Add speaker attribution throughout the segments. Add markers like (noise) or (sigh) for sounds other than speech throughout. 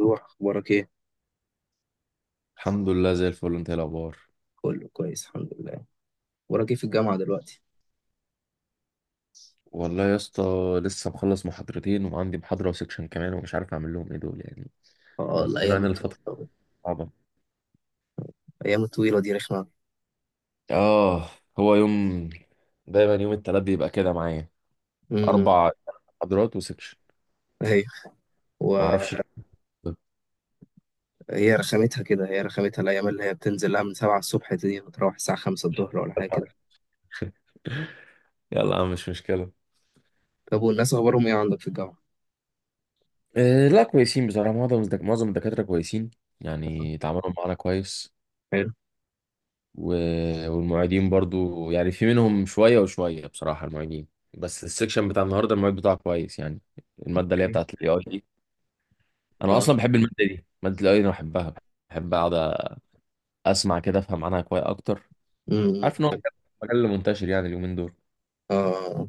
Speaker 1: روح اخبارك ايه؟
Speaker 2: الحمد لله زي الفل، انت ايه الاخبار؟
Speaker 1: كله كويس الحمد لله. اخبارك ايه في الجامعه دلوقتي؟
Speaker 2: والله يا اسطى، لسه مخلص محاضرتين وعندي محاضرة وسكشن كمان، ومش عارف اعمل لهم ايه دول يعني.
Speaker 1: اه،
Speaker 2: ضاغطين
Speaker 1: الايام
Speaker 2: علينا الفترة
Speaker 1: الطويله.
Speaker 2: صعبة.
Speaker 1: الايام الطويله دي رخمه.
Speaker 2: اه، هو يوم، دايما يوم التلات بيبقى كده معايا.
Speaker 1: امم
Speaker 2: اربع محاضرات وسكشن.
Speaker 1: ايوه.
Speaker 2: ما اعرفش
Speaker 1: وهي
Speaker 2: (laughs) ليه.
Speaker 1: رخامتها كده، هي رخامتها الايام اللي هي بتنزل لها من 7 الصبح دي وتروح الساعه 5 الظهر ولا حاجه كده.
Speaker 2: يلا يا عم مش مشكلة.
Speaker 1: طب والناس اخبارهم ايه عندك في الجامعه؟
Speaker 2: اه لا كويسين بصراحة، معظم الدكاترة كويسين، يعني تعاملوا معانا كويس.
Speaker 1: حلو.
Speaker 2: و- والمعيدين برضو، يعني في منهم شوية وشوية بصراحة المعيدين. بس السكشن بتاع النهاردة المعيد بتاعه كويس يعني، المادة اللي هي
Speaker 1: اوكي.
Speaker 2: بتاعت الاي اي دي. انا
Speaker 1: اه.
Speaker 2: اصلا بحب المادة دي، مادة الاي اي انا بحبها. بحب اقعد اسمع كده افهم عنها كويس اكتر. عارف ان هو
Speaker 1: حلو.
Speaker 2: مجال منتشر يعني اليومين دول.
Speaker 1: اه،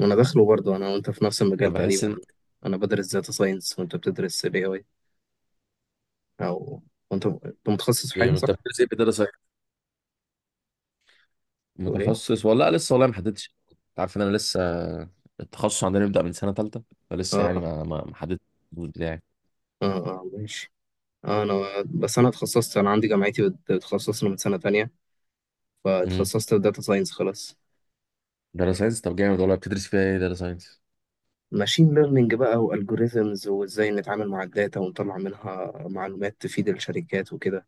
Speaker 1: وانا داخله برضه، انا وانت في نفس المجال
Speaker 2: فبحس
Speaker 1: تقريبا.
Speaker 2: ان،
Speaker 1: انا بدرس داتا ساينس وانت بتدرس الاي اي، او، وانت انت متخصص في حاجه
Speaker 2: يعني
Speaker 1: صح؟
Speaker 2: انت بتدرس ايه؟ بتدرس إيه؟
Speaker 1: تقول ايه؟
Speaker 2: متخصص ولا لأ؟ لسه والله ما حددتش، انت عارف ان انا لسه. التخصص عندنا يبدأ من سنة تالتة، فلسه يعني
Speaker 1: اه،
Speaker 2: ما حددتش الجزء بتاعي.
Speaker 1: اه، اه ماشي. اه، انا بس انا اتخصصت، انا عندي جامعتي بتخصصنا من سنه تانية،
Speaker 2: امم.
Speaker 1: فاتخصصت في داتا ساينس خلاص.
Speaker 2: داتا ساينس طب جامد والله، بتدرس فيها ايه داتا ساينس؟
Speaker 1: ماشين ليرنينج بقى والجوريزمز، وازاي نتعامل مع الداتا ونطلع منها معلومات تفيد الشركات وكده.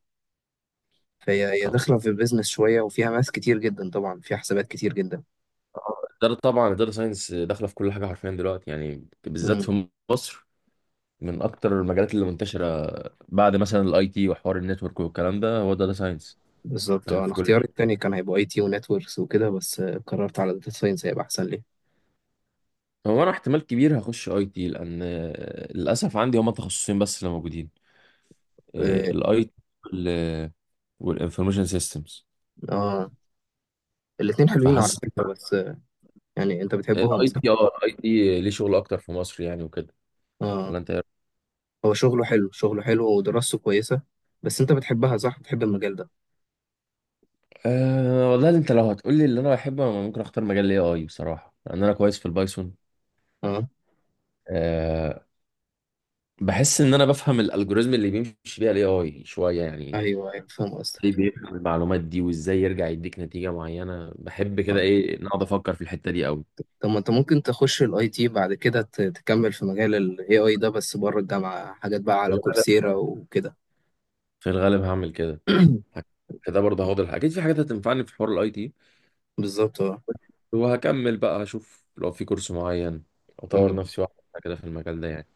Speaker 1: فهي داخله في البيزنس شويه، وفيها ماس كتير جدا، طبعا فيها حسابات كتير جدا.
Speaker 2: الإدارة طبعا، الإدارة ساينس داخلة في كل حاجة حرفيا دلوقتي، يعني بالذات
Speaker 1: امم
Speaker 2: في مصر. من أكتر المجالات اللي منتشرة بعد مثلا الأي تي وحوار النتورك والكلام ده، هو داتا ساينس
Speaker 1: بالظبط.
Speaker 2: داخل
Speaker 1: انا
Speaker 2: في كل
Speaker 1: اختياري
Speaker 2: حاجة.
Speaker 1: التاني كان هيبقى اي تي ونتوركس وكده، بس قررت على داتا ساينس، هيبقى احسن لي.
Speaker 2: هو أنا احتمال كبير هخش أي تي، لأن آه، للأسف عندي هما تخصصين بس اللي موجودين:
Speaker 1: اه،
Speaker 2: الأي تي والإنفورميشن سيستمز.
Speaker 1: آه، الاتنين حلوين على
Speaker 2: فحاسس
Speaker 1: فكره، بس يعني انت بتحبهم
Speaker 2: الأي
Speaker 1: صح؟
Speaker 2: تي، أه الأي تي ليه شغل أكتر في مصر يعني وكده،
Speaker 1: اه.
Speaker 2: ولا أنت إيه رأيك؟
Speaker 1: هو شغله حلو، شغله حلو ودراسته كويسة، بس انت بتحبها صح، بتحب المجال ده؟
Speaker 2: أه والله، انت لو هتقولي اللي انا بحبه، انا ممكن اختار مجال الاي اي بصراحه، لان انا كويس في البايثون.
Speaker 1: اه.
Speaker 2: أه، بحس ان انا بفهم الالجوريزم اللي بيمشي بيها الاي اي شويه يعني،
Speaker 1: ايوه ايوه، فاهم قصدك.
Speaker 2: ليه بيفهم المعلومات دي وازاي يرجع يديك نتيجه معينه. بحب كده،
Speaker 1: اه،
Speaker 2: ايه، نقعد افكر في الحته دي قوي.
Speaker 1: طب ما انت ممكن تخش الاي تي، بعد كده تكمل في مجال الاي اي ده بس بره الجامعة، حاجات بقى
Speaker 2: في
Speaker 1: على
Speaker 2: الغالب،
Speaker 1: كورسيرا وكده.
Speaker 2: في الغالب هعمل كده.
Speaker 1: (clears throat)
Speaker 2: كده برضه هاخد اكيد في حاجات هتنفعني في حوار الاي تي،
Speaker 1: بالظبط اه.
Speaker 2: وهكمل بقى اشوف لو في كورس معين اطور
Speaker 1: أمم.
Speaker 2: نفسي واحده كده في المجال ده يعني.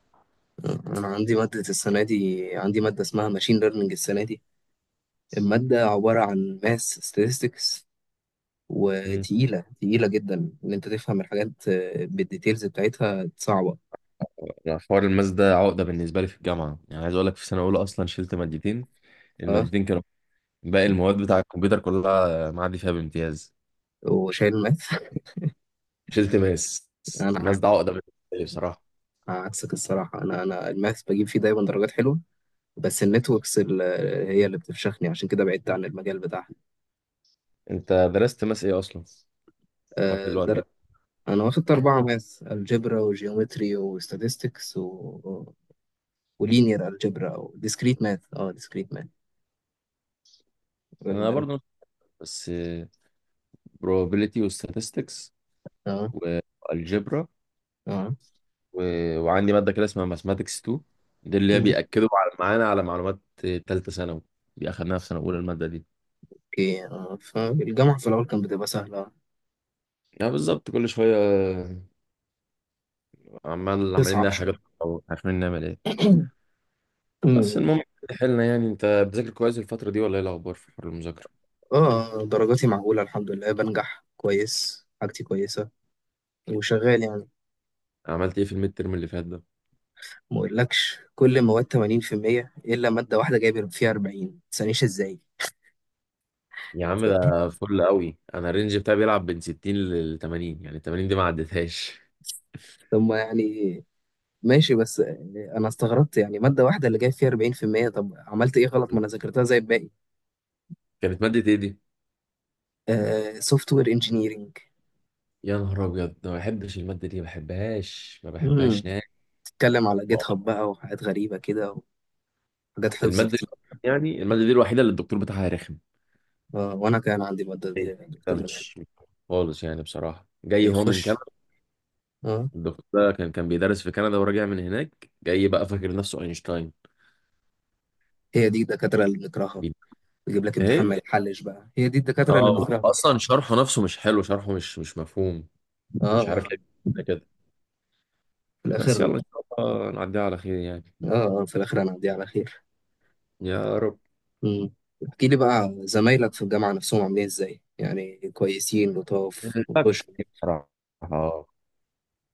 Speaker 1: انا عندي مادة السنة دي، عندي مادة اسمها ماشين ليرنينج السنة دي. المادة عبارة عن ماس ستاتستكس،
Speaker 2: مم.
Speaker 1: وتقيلة تقيلة جدا، ان انت تفهم الحاجات بالديتيلز بتاعتها صعبة.
Speaker 2: يعني حوار الماس ده عقده بالنسبه لي في الجامعه، يعني عايز اقول لك في سنه اولى اصلا شلت مادتين.
Speaker 1: اه،
Speaker 2: المادتين كانوا، باقي المواد بتاع الكمبيوتر كلها معدي فيها بامتياز.
Speaker 1: وشايل ماث.
Speaker 2: مش التماس،
Speaker 1: (laughs) انا
Speaker 2: الماس ده عقدة بالنسبة لي بصراحة.
Speaker 1: عكسك الصراحة، أنا الماث بجيب فيه دايما درجات حلوة، بس هي اللي بتفشخني، عشان كده بعدت عن المجال بتاعها.
Speaker 2: انت درست ماس ايه اصلا لحد
Speaker 1: أه در...
Speaker 2: دلوقتي؟
Speaker 1: أنا واخدت أربعة ماث، الجبرا وجيومتري وستاتستكس ولينير الجبرا، أو ديسكريت ماث، أه ديسكريت ماث.
Speaker 2: انا
Speaker 1: ال...
Speaker 2: برضو بس probability و statistics
Speaker 1: أه.
Speaker 2: والجبرا
Speaker 1: أه.
Speaker 2: و... وعندي مادة كده اسمها mathematics 2، دي اللي هي
Speaker 1: مم.
Speaker 2: بيأكدوا على معانا على معلومات تالتة ثانوي. دي اخدناها في سنة اولى، المادة دي.
Speaker 1: أوكي أه، فالجامعة في الأول كانت بتبقى سهلة،
Speaker 2: يعني بالظبط كل شوية، عمال عمالين
Speaker 1: تصعب
Speaker 2: نلاقي حاجات
Speaker 1: شوية.
Speaker 2: او عارفين نعمل ايه.
Speaker 1: (clears throat)
Speaker 2: بس
Speaker 1: مم.
Speaker 2: المهم، حلنا، يعني انت بتذاكر كويس الفترة دي ولا ايه الاخبار في حوار المذاكرة؟
Speaker 1: اه درجاتي معقولة، الحمد لله بنجح كويس، حاجتي كويسة وشغال يعني.
Speaker 2: عملت ايه في الميد ترم اللي فات ده؟
Speaker 1: ما اقولكش، كل المواد 80% الا ماده واحده جايب فيها 40، ما تسألنيش ازاي.
Speaker 2: يا عم ده فل قوي، انا الرينج بتاعي بيلعب بين 60 ل 80، يعني 80 دي ما عدتهاش.
Speaker 1: طب ما يعني ماشي، بس انا استغربت يعني، ماده واحده اللي جايب فيها 40%، طب عملت ايه غلط، ما انا ذاكرتها زي الباقي.
Speaker 2: كانت مادة ايه دي؟
Speaker 1: سوفت وير انجينيرنج.
Speaker 2: يا نهار ابيض، ما بحبش المادة دي، ما بحبهاش ما بحبهاش نهائي،
Speaker 1: بتتكلم على جيت هاب بقى، وحاجات غريبه كده، وحاجات حفظ
Speaker 2: المادة دي.
Speaker 1: كتير.
Speaker 2: يعني المادة دي الوحيدة اللي الدكتور بتاعها رخم.
Speaker 1: آه، وانا كان عندي الماده دي يا
Speaker 2: إيه؟ ده
Speaker 1: دكتور غريب.
Speaker 2: مش خالص يعني بصراحة، جاي هو من
Speaker 1: بيخش.
Speaker 2: كندا.
Speaker 1: اه،
Speaker 2: الدكتور ده كان بيدرس في كندا وراجع من هناك، جاي بقى فاكر نفسه اينشتاين.
Speaker 1: هي دي الدكاتره اللي بنكرهها،
Speaker 2: بي-،
Speaker 1: يجيب لك امتحان
Speaker 2: ايه،
Speaker 1: ما يتحلش بقى، هي دي الدكاتره اللي
Speaker 2: اه
Speaker 1: بنكرهها.
Speaker 2: اصلا شرحه نفسه مش حلو، شرحه مش مفهوم.
Speaker 1: اه،
Speaker 2: مش عارف
Speaker 1: اه. آه.
Speaker 2: ليه،
Speaker 1: في
Speaker 2: بس
Speaker 1: الاخر.
Speaker 2: يلا ان شاء الله نعديها على خير يعني.
Speaker 1: اه، في الاخر انا على خير.
Speaker 2: يا رب.
Speaker 1: مم. احكي لي بقى، زمايلك في الجامعة نفسهم عاملين ازاي، يعني كويسين لطاف
Speaker 2: الفرق
Speaker 1: وبش؟
Speaker 2: كتير بصراحة. اه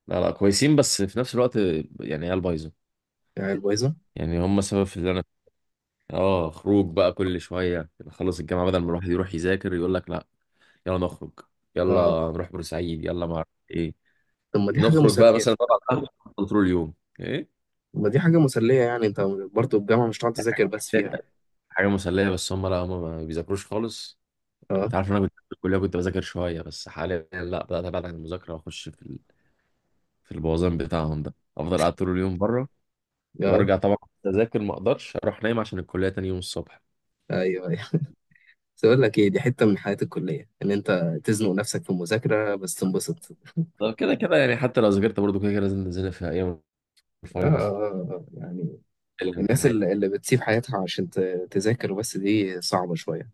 Speaker 2: لا لا كويسين، بس في نفس الوقت يعني عيال بايظه.
Speaker 1: يعني الويزة.
Speaker 2: يعني هم سبب في اللي انا، اه، خروج بقى كل شويه، نخلص الجامعه بدل ما الواحد يروح يذاكر يقول لك لا، يلا نخرج،
Speaker 1: اه،
Speaker 2: يلا نروح بورسعيد، يلا ما اعرف ايه،
Speaker 1: طب ما دي حاجة
Speaker 2: نخرج بقى
Speaker 1: مسلية.
Speaker 2: مثلا نقعد على القهوه طول اليوم. ايه
Speaker 1: طب ما دي حاجة مسلية يعني، انت برضه الجامعة مش هتقعد تذاكر بس
Speaker 2: ده،
Speaker 1: فيها.
Speaker 2: حاجه مسليه، بس هم لا هم ما بيذاكروش خالص.
Speaker 1: اه،
Speaker 2: انت عارف إن انا كنت في الكليه كنت بذاكر شويه، بس حاليا لا، بدات ابعد عن المذاكره واخش في في البوظان بتاعهم ده، افضل قاعد طول اليوم بره
Speaker 1: اه.
Speaker 2: وارجع طبعا اذاكر، ما اقدرش اروح نايم عشان الكليه تاني يوم الصبح.
Speaker 1: ايوه ايوه، بس اقول لك ايه، دي حتة من حياة الكلية، ان انت تزنق نفسك في المذاكرة بس، تنبسط.
Speaker 2: طب كده كده يعني، حتى لو ذاكرت برضه كده كده لازم تذاكر في ايام
Speaker 1: اه، اه،
Speaker 2: الفاينل،
Speaker 1: آه. يعني الناس
Speaker 2: الامتحان.
Speaker 1: اللي بتسيب حياتها عشان تذاكر بس، دي صعبة شوية،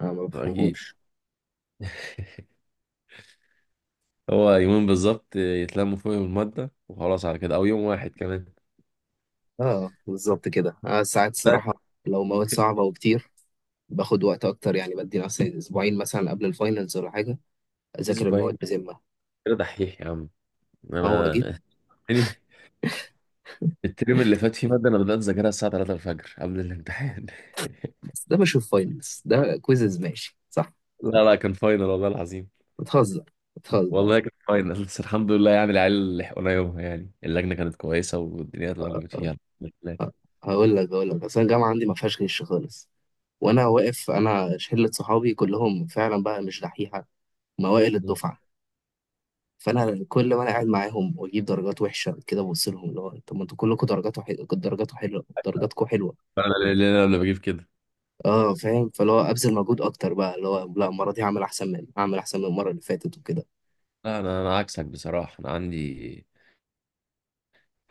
Speaker 1: انا ما
Speaker 2: اكيد.
Speaker 1: بفهمهمش.
Speaker 2: (laughs) هو يومين بالظبط يتلموا فيهم الماده وخلاص على كده، او يوم واحد كمان.
Speaker 1: اه بالظبط كده، آه ساعات
Speaker 2: ده
Speaker 1: الصراحة لو مواد صعبة وكتير، باخد وقت اكتر، يعني بدي نفسي اسبوعين مثلا قبل الفاينلز ولا حاجه، اذاكر المواد
Speaker 2: اسبوعين
Speaker 1: بذمه.
Speaker 2: كده دحيح يا عم.
Speaker 1: اول ما جيت.
Speaker 2: انا (laughs) يعني الترم اللي فات فيه ماده انا بدات اذاكرها الساعه 3 الفجر قبل الامتحان.
Speaker 1: بس ده بشوف، فاينلز ده كويزز، ماشي صح؟
Speaker 2: (laughs) لا لا كان فاينل والله العظيم.
Speaker 1: بتهزر، بتهزر.
Speaker 2: والله كانت فاينل، بس الحمد لله يعني العيال لحقونا يومها، يعني اللجنه كانت كويسه والدنيا اتلمت فيها. الحمد لله.
Speaker 1: هقول لك، هقول لك، اصل الجامعه عندي ما فيهاش غش خالص، وانا واقف انا شله صحابي كلهم فعلا بقى مش دحيحه، موائل الدفعه. فانا كل ما انا قاعد معاهم واجيب درجات وحشه كده، ببص لهم اللي هو، طب ما انتوا كلكم درجاتكم حلوه، درجاتكم حلوه، درجاتكم حلوه.
Speaker 2: فانا اللي انا بجيب كده
Speaker 1: اه فاهم، فاللي هو ابذل مجهود اكتر بقى، اللي هو لا، المره دي هعمل احسن من، هعمل احسن من المره اللي فاتت وكده.
Speaker 2: لا، انا عكسك بصراحه. انا عندي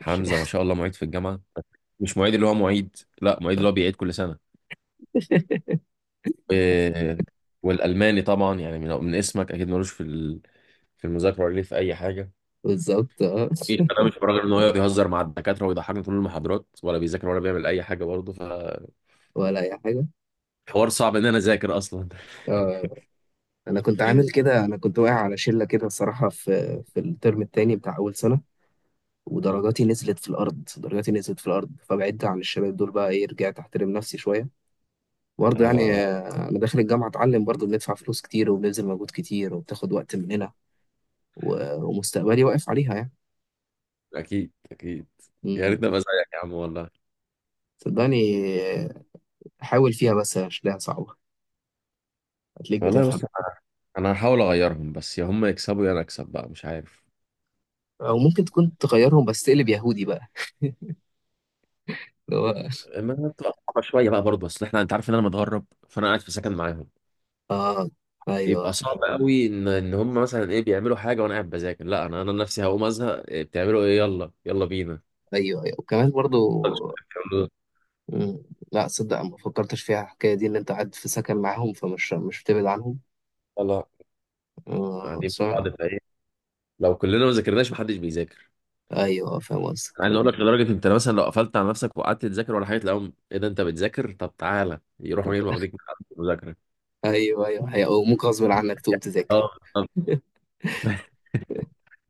Speaker 1: مش-
Speaker 2: ما شاء الله معيد في الجامعه، مش معيد اللي هو معيد، لا معيد اللي هو بيعيد كل سنه.
Speaker 1: (laughs)
Speaker 2: و- والالماني طبعا يعني، من اسمك اكيد ملوش في في المذاكره ولا ليه في اي حاجه.
Speaker 1: بالظبط اه.
Speaker 2: إيه، انا مش براجل ان هو يقعد يهزر مع الدكاتره ويضحكنا طول المحاضرات، ولا بيذاكر ولا بيعمل اي حاجه برضه. فحوار
Speaker 1: ولا اي حاجه.
Speaker 2: صعب ان انا اذاكر اصلا.
Speaker 1: اه، انا كنت عامل كده، انا كنت واقع على شله كده الصراحه، في الترم التاني بتاع اول سنه، ودرجاتي
Speaker 2: (laughs)
Speaker 1: نزلت في الارض، درجاتي نزلت في الارض، فبعدت عن الشباب دول بقى، ايه، رجعت احترم نفسي شويه. برضه يعني
Speaker 2: اه،
Speaker 1: انا داخل الجامعه اتعلم، برضه بندفع فلوس كتير، وبنبذل مجهود كتير، وبتاخد وقت مننا، ومستقبلي واقف عليها يعني.
Speaker 2: اكيد اكيد. يا
Speaker 1: مم.
Speaker 2: ريتني ابقى زيك يا عم والله.
Speaker 1: صدقني آه، حاول فيها، بس هتلاقيها صعبه، هتلاقيك
Speaker 2: والله
Speaker 1: بتفهم.
Speaker 2: بص، انا هحاول اغيرهم، بس يا هم يكسبوا يا انا اكسب بقى، مش عارف.
Speaker 1: او ممكن تكون تغيرهم بس تقلب يهودي بقى. (laughs) اللي هو
Speaker 2: ما بتبقى صعبه شويه بقى برضه، بس احنا انت عارف ان انا متغرب، فانا قاعد في سكن معاهم.
Speaker 1: اه. ايوه
Speaker 2: يبقى صعب قوي ان هم مثلا ايه بيعملوا حاجه وانا قاعد بذاكر لا، انا نفسي هقوم ازهق، إيه بتعملوا، ايه يلا يلا بينا.
Speaker 1: ايوه. ايوه وكمان برضو. مم. لا صدق، ما فكرتش فيها الحكايه دي، ان انت قاعد في سكن معاهم، فمش مش بتبعد عنهم.
Speaker 2: يلا
Speaker 1: آه
Speaker 2: قاعدين مع
Speaker 1: صح.
Speaker 2: بعض فايه، لو كلنا ما ذاكرناش محدش بيذاكر.
Speaker 1: ايوه، فاهم
Speaker 2: انا
Speaker 1: قصدك.
Speaker 2: عايز اقول لك لدرجه، انت مثلا لو قفلت على نفسك وقعدت تذاكر ولا حاجه، تلاقيهم ايه ده انت بتذاكر؟ طب تعالى، يروحوا جايين واخدينك من عند المذاكره
Speaker 1: ايوه ايوه، هي وممكن غصب عنك تقوم
Speaker 2: يعني.
Speaker 1: تذاكر.
Speaker 2: اه. آه،
Speaker 1: (laughs)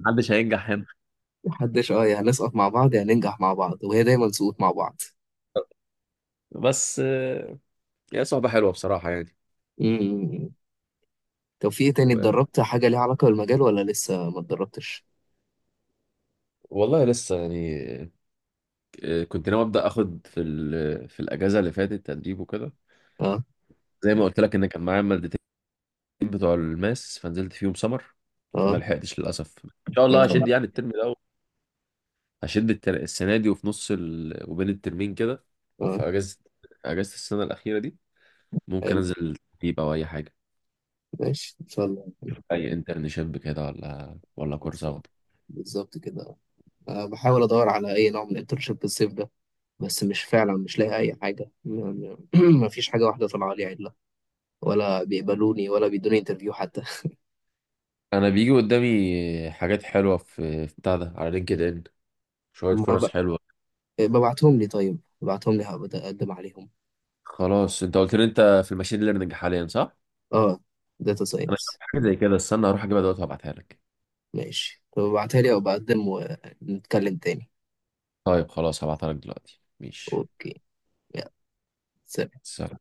Speaker 2: محدش هينجح هنا.
Speaker 1: محدش. اه، يا هنسقط مع بعض يا هننجح مع بعض، وهي دايما سقوط مع بعض.
Speaker 2: بس آه، هي صعبة حلوة بصراحة يعني.
Speaker 1: امم طب في ايه تاني؟
Speaker 2: و-
Speaker 1: اتدربت حاجه ليها علاقه بالمجال ولا لسه ما اتدربتش؟
Speaker 2: والله لسه يعني، آه، كنت ناوي أبدأ أخد في في الأجازة اللي فاتت تدريب وكده،
Speaker 1: اه،
Speaker 2: زي ما قلت لك إن كان معايا مادتين بتوع الماس فنزلت فيهم سمر. فما
Speaker 1: اه،
Speaker 2: لحقتش للأسف، إن شاء الله هشد
Speaker 1: اه،
Speaker 2: يعني الترم ده، هشد السنة دي وفي نص ال... وبين الترمين كده، أو
Speaker 1: اه.
Speaker 2: في أجازة، أجازة السنة الأخيرة دي ممكن
Speaker 1: حلو،
Speaker 2: أنزل تدريب أو أي حاجة،
Speaker 1: ماشي ان شاء الله.
Speaker 2: أي انترنشيب كده ولا كورس أخده.
Speaker 1: بالظبط كده. أه بحاول ادور على اي نوع من الانترنشيب الصيف ده، بس مش، فعلا مش لاقي اي حاجه، ما فيش (clears throat) حاجه واحده طالعه لي عدله، ولا بيقبلوني ولا بيدوني انترفيو حتى.
Speaker 2: انا بيجي قدامي حاجات حلوه في بتاع ده على لينكد ان،
Speaker 1: (laughs)
Speaker 2: شويه
Speaker 1: ما
Speaker 2: فرص
Speaker 1: ب...
Speaker 2: حلوه.
Speaker 1: ببعتهم لي، طيب ببعتهم لي هبقى اقدم عليهم.
Speaker 2: خلاص انت قلت لي انت في الماشين ليرنينج حاليا صح؟
Speaker 1: اه، داتا
Speaker 2: انا شفت
Speaker 1: ساينس.
Speaker 2: حاجه زي كده، استنى هروح اجيبها دلوقتي وابعتها لك.
Speaker 1: ماشي، طب ابعتها لي او بقدم ونتكلم تاني.
Speaker 2: طيب خلاص هبعتها لك دلوقتي، ماشي.
Speaker 1: اوكي. يلا، سلام.
Speaker 2: سلام